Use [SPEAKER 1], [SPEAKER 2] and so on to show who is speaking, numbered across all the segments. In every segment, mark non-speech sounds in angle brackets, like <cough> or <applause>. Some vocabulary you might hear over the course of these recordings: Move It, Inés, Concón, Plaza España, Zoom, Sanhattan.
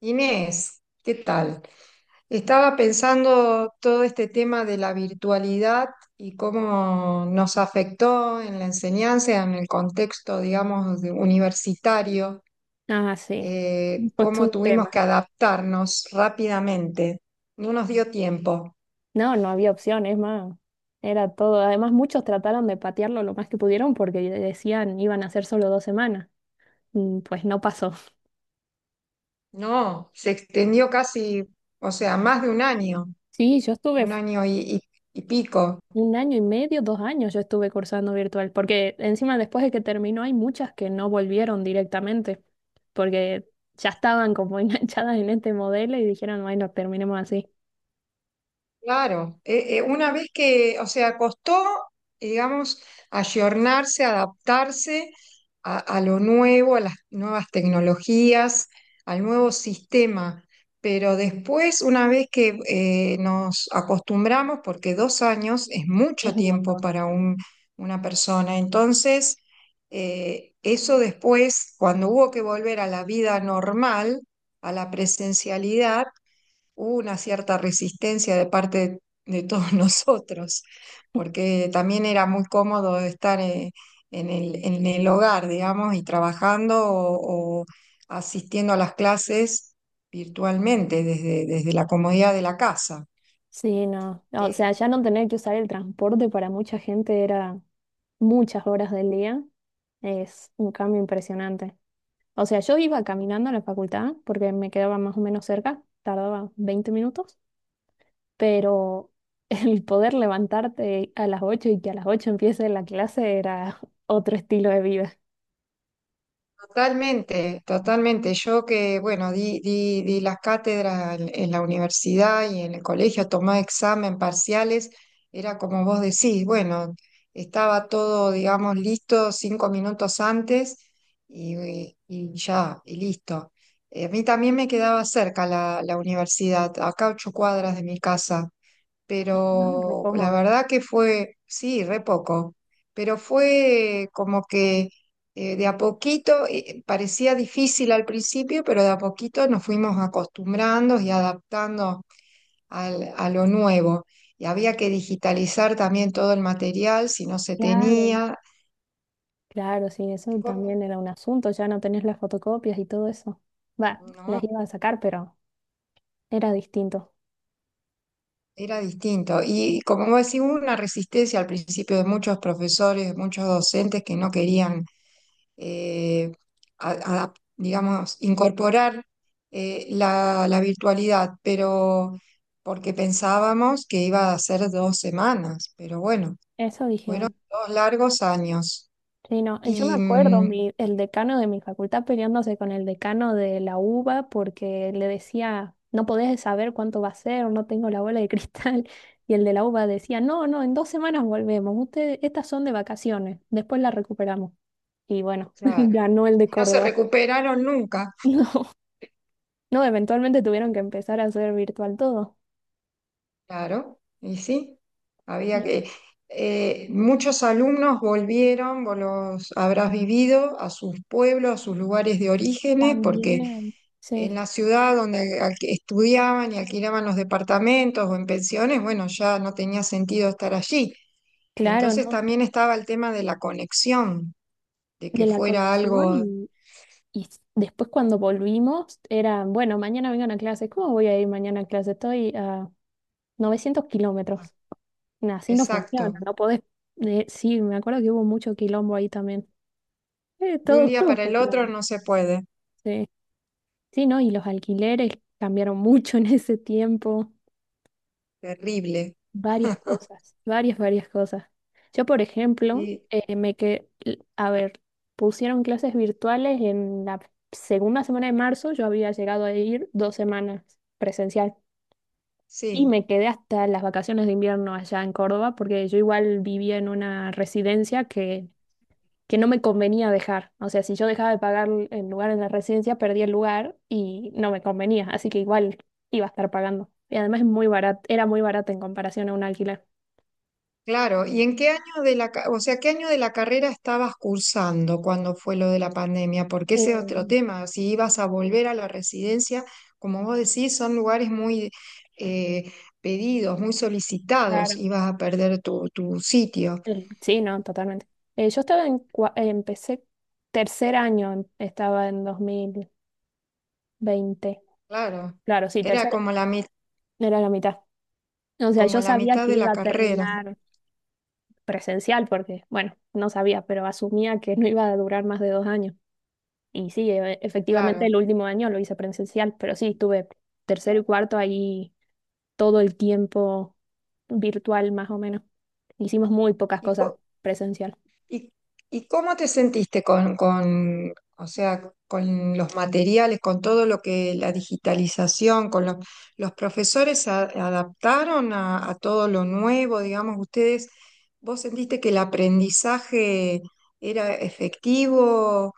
[SPEAKER 1] Inés, ¿qué tal? Estaba pensando todo este tema de la virtualidad y cómo nos afectó en la enseñanza, en el contexto, digamos, universitario.
[SPEAKER 2] Ah, sí. Pues tú
[SPEAKER 1] Cómo
[SPEAKER 2] un
[SPEAKER 1] tuvimos
[SPEAKER 2] tema.
[SPEAKER 1] que adaptarnos rápidamente. No nos dio tiempo,
[SPEAKER 2] No, no había opción, es más, era todo. Además, muchos trataron de patearlo lo más que pudieron porque decían iban a ser solo 2 semanas. Pues no pasó. <laughs>
[SPEAKER 1] no, se extendió casi, o sea, más de
[SPEAKER 2] Sí, yo estuve
[SPEAKER 1] un año y pico.
[SPEAKER 2] un año y medio, 2 años yo estuve cursando virtual, porque encima después de que terminó hay muchas que no volvieron directamente, porque ya estaban como <laughs> enganchadas en este modelo y dijeron, bueno, terminemos así.
[SPEAKER 1] Claro, una vez que, o sea, costó, digamos, ayornarse, adaptarse a lo nuevo, a las nuevas tecnologías, al nuevo sistema, pero después, una vez que nos acostumbramos, porque 2 años es mucho
[SPEAKER 2] Es un
[SPEAKER 1] tiempo
[SPEAKER 2] montón.
[SPEAKER 1] para una persona. Entonces, eso después, cuando hubo que volver a la vida normal, a la presencialidad, una cierta resistencia de parte de todos <laughs> nosotros, porque también era muy cómodo estar en el hogar, digamos, y trabajando o asistiendo a las clases virtualmente desde la comodidad de la casa.
[SPEAKER 2] Sí, no. O sea,
[SPEAKER 1] Eh,
[SPEAKER 2] ya no tener que usar el transporte para mucha gente era muchas horas del día, es un cambio impresionante. O sea, yo iba caminando a la facultad porque me quedaba más o menos cerca, tardaba 20 minutos, pero <laughs> el poder levantarte a las 8 y que a las 8 empiece la clase era <laughs> otro estilo de vida.
[SPEAKER 1] Totalmente, totalmente. Yo que, bueno, di las cátedras en la universidad y en el colegio, tomé examen, parciales, era como vos decís, bueno, estaba todo, digamos, listo 5 minutos antes y ya, y listo. A mí también me quedaba cerca la universidad, acá a 8 cuadras de mi casa,
[SPEAKER 2] Ah,
[SPEAKER 1] pero la
[SPEAKER 2] Repomo.
[SPEAKER 1] verdad que fue, sí, re poco, pero fue como que de a poquito, parecía difícil al principio, pero de a poquito nos fuimos acostumbrando y adaptando a lo nuevo. Y había que digitalizar también todo el material si no se
[SPEAKER 2] Claro.
[SPEAKER 1] tenía.
[SPEAKER 2] Claro, sí, eso también
[SPEAKER 1] Co-
[SPEAKER 2] era un asunto, ya no tenés las fotocopias y todo eso. Va, las
[SPEAKER 1] No,
[SPEAKER 2] iba a sacar, pero era distinto.
[SPEAKER 1] era distinto. Y como vos decís, hubo una resistencia al principio de muchos profesores, de muchos docentes que no querían, eh, digamos, incorporar la virtualidad, pero porque pensábamos que iba a ser 2 semanas, pero bueno,
[SPEAKER 2] Eso
[SPEAKER 1] fueron
[SPEAKER 2] dijeron.
[SPEAKER 1] dos largos años
[SPEAKER 2] Sí, no, y yo me
[SPEAKER 1] y
[SPEAKER 2] acuerdo el decano de mi facultad peleándose con el decano de la UBA porque le decía, no podés saber cuánto va a ser, no tengo la bola de <laughs> cristal. Y el de la UBA decía, no, no, en 2 semanas volvemos, ustedes, estas son de vacaciones, después las recuperamos. Y bueno, <laughs>
[SPEAKER 1] claro,
[SPEAKER 2] ganó el de
[SPEAKER 1] no se
[SPEAKER 2] Córdoba. <laughs>
[SPEAKER 1] recuperaron nunca.
[SPEAKER 2] No, no, eventualmente tuvieron que empezar a hacer virtual todo.
[SPEAKER 1] Claro, y sí, había
[SPEAKER 2] Y
[SPEAKER 1] que… muchos alumnos volvieron, vos los habrás vivido, a sus pueblos, a sus lugares de orígenes, porque
[SPEAKER 2] también.
[SPEAKER 1] en
[SPEAKER 2] Sí,
[SPEAKER 1] la ciudad donde estudiaban y alquilaban los departamentos o en pensiones, bueno, ya no tenía sentido estar allí.
[SPEAKER 2] claro,
[SPEAKER 1] Entonces
[SPEAKER 2] ¿no?
[SPEAKER 1] también estaba el tema de la conexión, de que
[SPEAKER 2] De la
[SPEAKER 1] fuera
[SPEAKER 2] conexión
[SPEAKER 1] algo.
[SPEAKER 2] y después cuando volvimos, era, bueno, mañana vengan a clase. ¿Cómo voy a ir mañana a clase? Estoy a 900 kilómetros. Nah, así no funciona,
[SPEAKER 1] Exacto.
[SPEAKER 2] no podés. Sí, me acuerdo que hubo mucho quilombo ahí también.
[SPEAKER 1] De un
[SPEAKER 2] Todo,
[SPEAKER 1] día
[SPEAKER 2] todo
[SPEAKER 1] para
[SPEAKER 2] fue
[SPEAKER 1] el otro
[SPEAKER 2] quilombo.
[SPEAKER 1] no se puede.
[SPEAKER 2] Sí. Sí, ¿no? Y los alquileres cambiaron mucho en ese tiempo.
[SPEAKER 1] Terrible.
[SPEAKER 2] Varias cosas, varias, varias cosas. Yo, por ejemplo,
[SPEAKER 1] Y
[SPEAKER 2] a ver, pusieron clases virtuales en la segunda semana de marzo, yo había llegado a ir 2 semanas presencial. Y
[SPEAKER 1] sí.
[SPEAKER 2] me quedé hasta las vacaciones de invierno allá en Córdoba, porque yo igual vivía en una residencia que no me convenía dejar. O sea, si yo dejaba de pagar el lugar en la residencia, perdía el lugar y no me convenía. Así que igual iba a estar pagando. Y además es muy barato, era muy barato en comparación a un alquiler.
[SPEAKER 1] Claro, ¿y en qué año de o sea, qué año de la carrera estabas cursando cuando fue lo de la pandemia? Porque ese es otro
[SPEAKER 2] Eh,
[SPEAKER 1] tema, si ibas a volver a la residencia, como vos decís, son lugares muy eh, pedidos, muy
[SPEAKER 2] claro.
[SPEAKER 1] solicitados, ibas a perder tu sitio.
[SPEAKER 2] Sí, no, totalmente. Yo estaba en, empecé tercer año, estaba en 2020.
[SPEAKER 1] Claro,
[SPEAKER 2] Claro, sí,
[SPEAKER 1] era como
[SPEAKER 2] era la mitad. O sea,
[SPEAKER 1] como
[SPEAKER 2] yo
[SPEAKER 1] la
[SPEAKER 2] sabía
[SPEAKER 1] mitad
[SPEAKER 2] que
[SPEAKER 1] de
[SPEAKER 2] iba
[SPEAKER 1] la
[SPEAKER 2] a
[SPEAKER 1] carrera,
[SPEAKER 2] terminar presencial, porque, bueno, no sabía, pero asumía que no iba a durar más de 2 años. Y sí, efectivamente
[SPEAKER 1] claro.
[SPEAKER 2] el último año lo hice presencial, pero sí, estuve tercero y cuarto ahí todo el tiempo virtual más o menos. Hicimos muy pocas
[SPEAKER 1] ¿Y,
[SPEAKER 2] cosas
[SPEAKER 1] co-
[SPEAKER 2] presencial.
[SPEAKER 1] ¿Y, y, cómo te sentiste con, o sea, con los materiales, con todo lo que la digitalización, con los profesores se adaptaron a todo lo nuevo, digamos, ustedes, vos sentiste que el aprendizaje era efectivo.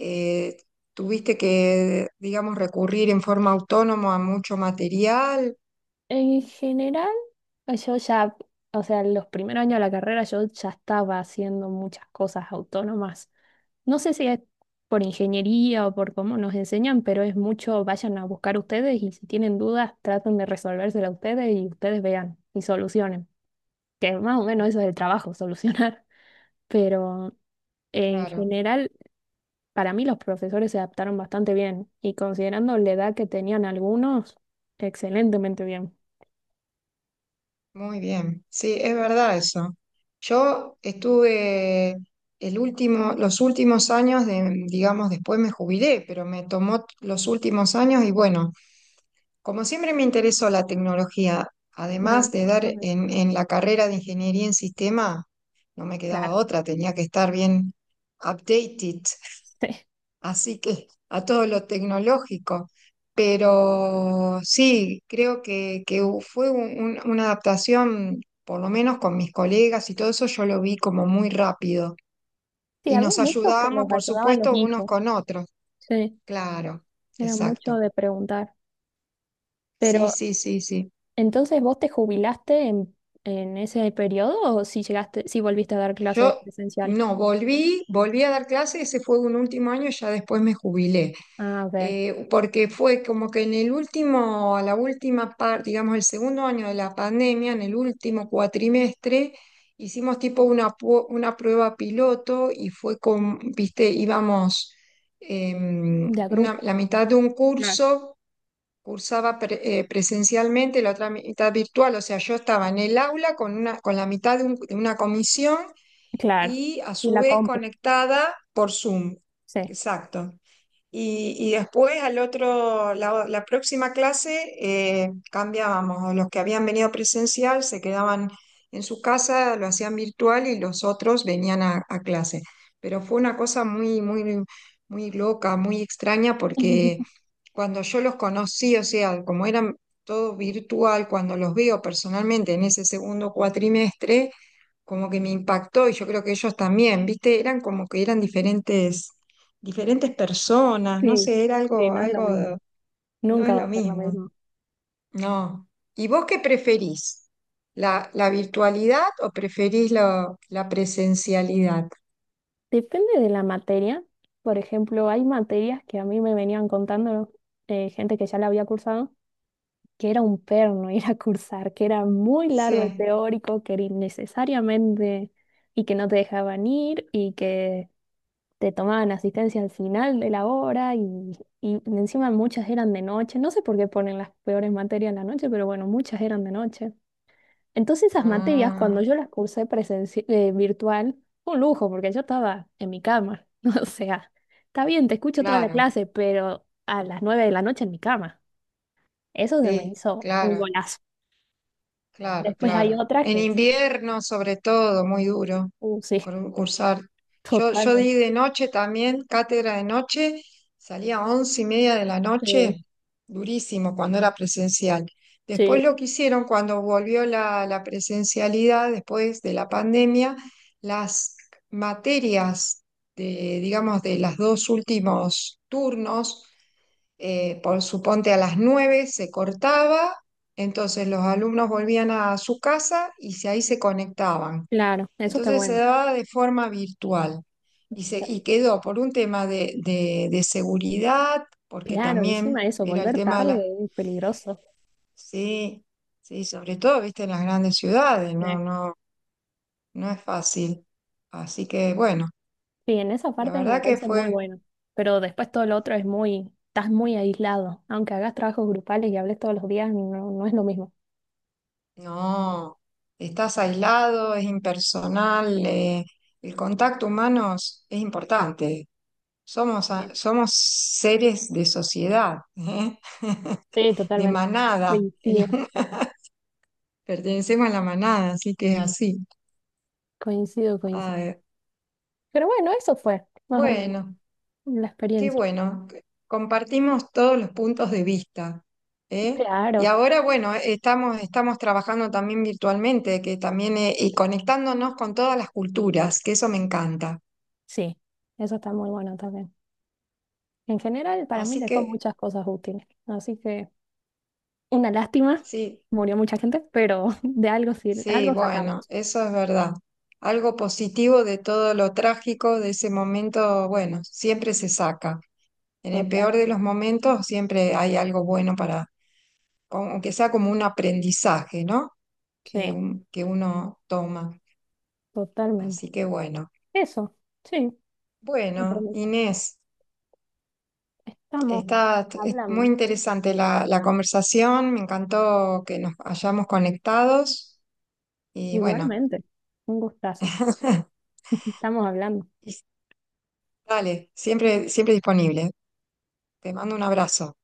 [SPEAKER 1] Eh, Tuviste que, digamos, recurrir en forma autónoma a mucho material,
[SPEAKER 2] En general, yo ya, o sea, los primeros años de la carrera yo ya estaba haciendo muchas cosas autónomas. No sé si es por ingeniería o por cómo nos enseñan, pero es mucho, vayan a buscar ustedes y si tienen dudas, traten de resolvérsela ustedes y ustedes vean y solucionen. Que más o menos eso es el trabajo, <laughs> solucionar. Pero en
[SPEAKER 1] claro.
[SPEAKER 2] general, para mí los profesores se adaptaron bastante bien y considerando la edad que tenían algunos, excelentemente bien.
[SPEAKER 1] Muy bien, sí, es verdad eso. Yo estuve los últimos años de, digamos, después me jubilé, pero me tomó los últimos años y bueno, como siempre me interesó la tecnología,
[SPEAKER 2] No,
[SPEAKER 1] además de dar
[SPEAKER 2] ok.
[SPEAKER 1] en la carrera de ingeniería en sistema, no me
[SPEAKER 2] Claro.
[SPEAKER 1] quedaba
[SPEAKER 2] <laughs>
[SPEAKER 1] otra, tenía que estar bien updated,
[SPEAKER 2] Sí,
[SPEAKER 1] así que a todo lo tecnológico. Pero sí, creo que fue una adaptación, por lo menos con mis colegas y todo eso, yo lo vi como muy rápido.
[SPEAKER 2] sí,
[SPEAKER 1] Y
[SPEAKER 2] había
[SPEAKER 1] nos
[SPEAKER 2] muchos que
[SPEAKER 1] ayudábamos,
[SPEAKER 2] los
[SPEAKER 1] por
[SPEAKER 2] ayudaban los
[SPEAKER 1] supuesto, unos
[SPEAKER 2] hijos.
[SPEAKER 1] con otros.
[SPEAKER 2] Sí,
[SPEAKER 1] Claro,
[SPEAKER 2] era mucho
[SPEAKER 1] exacto.
[SPEAKER 2] de preguntar.
[SPEAKER 1] Sí,
[SPEAKER 2] Pero
[SPEAKER 1] sí, sí, sí.
[SPEAKER 2] Entonces, ¿vos te jubilaste en, ese periodo o si volviste a dar clases
[SPEAKER 1] Yo
[SPEAKER 2] presencial?
[SPEAKER 1] no, volví a dar clases, ese fue un último año, y ya después me jubilé.
[SPEAKER 2] Ah, ok.
[SPEAKER 1] Porque fue como que en la última parte, digamos, el segundo año de la pandemia, en el último cuatrimestre, hicimos tipo una prueba piloto y fue con, viste, íbamos
[SPEAKER 2] De a
[SPEAKER 1] la
[SPEAKER 2] grupos.
[SPEAKER 1] mitad de un
[SPEAKER 2] Claro.
[SPEAKER 1] curso, cursaba presencialmente, la otra mitad virtual, o sea, yo estaba en el aula con la mitad de una comisión
[SPEAKER 2] Claro.
[SPEAKER 1] y a
[SPEAKER 2] Y
[SPEAKER 1] su
[SPEAKER 2] la
[SPEAKER 1] vez
[SPEAKER 2] compu.
[SPEAKER 1] conectada por Zoom.
[SPEAKER 2] Sí.
[SPEAKER 1] Exacto. Y después la próxima clase cambiábamos. Los que habían venido presencial se quedaban en su casa, lo hacían virtual y los otros venían a clase. Pero fue una cosa muy, muy, muy loca, muy extraña, porque
[SPEAKER 2] <laughs>
[SPEAKER 1] cuando yo los conocí, o sea, como eran todo virtual, cuando los veo personalmente en ese segundo cuatrimestre, como que me impactó y yo creo que ellos también, ¿viste? Eran como que eran diferentes, diferentes personas, no
[SPEAKER 2] Sí,
[SPEAKER 1] sé, era
[SPEAKER 2] sí,
[SPEAKER 1] algo,
[SPEAKER 2] no es lo
[SPEAKER 1] algo,
[SPEAKER 2] mismo.
[SPEAKER 1] de- No
[SPEAKER 2] Nunca
[SPEAKER 1] es
[SPEAKER 2] va
[SPEAKER 1] lo
[SPEAKER 2] a ser lo
[SPEAKER 1] mismo,
[SPEAKER 2] mismo.
[SPEAKER 1] no. ¿Y vos qué preferís? ¿La virtualidad o preferís la presencialidad?
[SPEAKER 2] Depende de la materia. Por ejemplo, hay materias que a mí me venían contando gente que ya la había cursado, que era un perno <laughs> ir a cursar, que era muy largo el
[SPEAKER 1] Sí.
[SPEAKER 2] teórico, que era innecesariamente y que no te dejaban ir y que te tomaban asistencia al final de la hora y encima muchas eran de noche. No sé por qué ponen las peores materias en la noche, pero bueno, muchas eran de noche. Entonces esas materias, cuando
[SPEAKER 1] Ah,
[SPEAKER 2] yo las cursé virtual, fue un lujo porque yo estaba en mi cama. <laughs> O sea, está bien, te escucho toda la
[SPEAKER 1] claro,
[SPEAKER 2] clase, pero a las 9 de la noche en mi cama. Eso se me
[SPEAKER 1] sí,
[SPEAKER 2] hizo un
[SPEAKER 1] claro.
[SPEAKER 2] golazo.
[SPEAKER 1] Claro,
[SPEAKER 2] Después hay
[SPEAKER 1] claro.
[SPEAKER 2] otras
[SPEAKER 1] En
[SPEAKER 2] que sí,
[SPEAKER 1] invierno, sobre todo, muy duro
[SPEAKER 2] sí,
[SPEAKER 1] cursar.
[SPEAKER 2] <laughs>
[SPEAKER 1] Yo
[SPEAKER 2] totalmente.
[SPEAKER 1] di de noche también, cátedra de noche, salía a 11:30 de la
[SPEAKER 2] Sí,
[SPEAKER 1] noche, durísimo cuando era presencial.
[SPEAKER 2] sí,
[SPEAKER 1] Después lo que hicieron cuando volvió la presencialidad, después de la pandemia, las materias de, digamos, de los dos últimos turnos, por suponte a las 9:00 se cortaba, entonces los alumnos volvían a su casa y ahí se conectaban.
[SPEAKER 2] claro, eso está
[SPEAKER 1] Entonces se
[SPEAKER 2] bueno.
[SPEAKER 1] daba de forma virtual y quedó por un tema de seguridad, porque
[SPEAKER 2] Claro,
[SPEAKER 1] también
[SPEAKER 2] encima eso,
[SPEAKER 1] era el
[SPEAKER 2] volver
[SPEAKER 1] tema de
[SPEAKER 2] tarde
[SPEAKER 1] la…
[SPEAKER 2] es peligroso.
[SPEAKER 1] Sí, sí, sobre todo, viste, en las grandes ciudades,
[SPEAKER 2] Eh,
[SPEAKER 1] no, no, no es fácil. Así que bueno,
[SPEAKER 2] Sí, en esa
[SPEAKER 1] la
[SPEAKER 2] parte me
[SPEAKER 1] verdad que
[SPEAKER 2] parece muy
[SPEAKER 1] fue…
[SPEAKER 2] bueno. Pero después todo lo otro es muy, estás muy aislado. Aunque hagas trabajos grupales y hables todos los días, no, no es lo mismo.
[SPEAKER 1] No, estás aislado, es impersonal, el contacto humano es importante. Somos,
[SPEAKER 2] Sí,
[SPEAKER 1] a- somos seres de sociedad, ¿eh? <laughs>
[SPEAKER 2] sí,
[SPEAKER 1] De
[SPEAKER 2] totalmente.
[SPEAKER 1] manada.
[SPEAKER 2] Coincido,
[SPEAKER 1] <laughs> Pertenecemos a la manada, así que es así.
[SPEAKER 2] coincido, coincido.
[SPEAKER 1] Ah,
[SPEAKER 2] Pero bueno, eso fue más o menos
[SPEAKER 1] bueno,
[SPEAKER 2] la
[SPEAKER 1] qué
[SPEAKER 2] experiencia.
[SPEAKER 1] bueno. Que compartimos todos los puntos de vista, ¿eh? Y
[SPEAKER 2] Claro,
[SPEAKER 1] ahora, bueno, estamos, trabajando también virtualmente, que también, y conectándonos con todas las culturas, que eso me encanta.
[SPEAKER 2] sí, eso está muy bueno también. En general, para mí
[SPEAKER 1] Así
[SPEAKER 2] dejó
[SPEAKER 1] que
[SPEAKER 2] muchas cosas útiles. Así que una lástima,
[SPEAKER 1] sí,
[SPEAKER 2] murió mucha gente, pero <laughs> de algo sirve,
[SPEAKER 1] sí,
[SPEAKER 2] algo
[SPEAKER 1] bueno,
[SPEAKER 2] sacamos.
[SPEAKER 1] eso es verdad. Algo positivo de todo lo trágico de ese momento, bueno, siempre se saca. En el
[SPEAKER 2] Total.
[SPEAKER 1] peor de los momentos siempre hay algo bueno para, aunque sea como un aprendizaje, ¿no? Que,
[SPEAKER 2] Sí.
[SPEAKER 1] un- que uno toma.
[SPEAKER 2] Totalmente.
[SPEAKER 1] Así que bueno.
[SPEAKER 2] Eso, sí, un
[SPEAKER 1] Bueno,
[SPEAKER 2] aprendizaje.
[SPEAKER 1] Inés,
[SPEAKER 2] Estamos
[SPEAKER 1] está es muy
[SPEAKER 2] hablando.
[SPEAKER 1] interesante la conversación, me encantó que nos hayamos conectados y bueno.
[SPEAKER 2] Igualmente. Un gustazo. Estamos hablando.
[SPEAKER 1] <laughs> Dale, siempre, siempre disponible. Te mando un abrazo.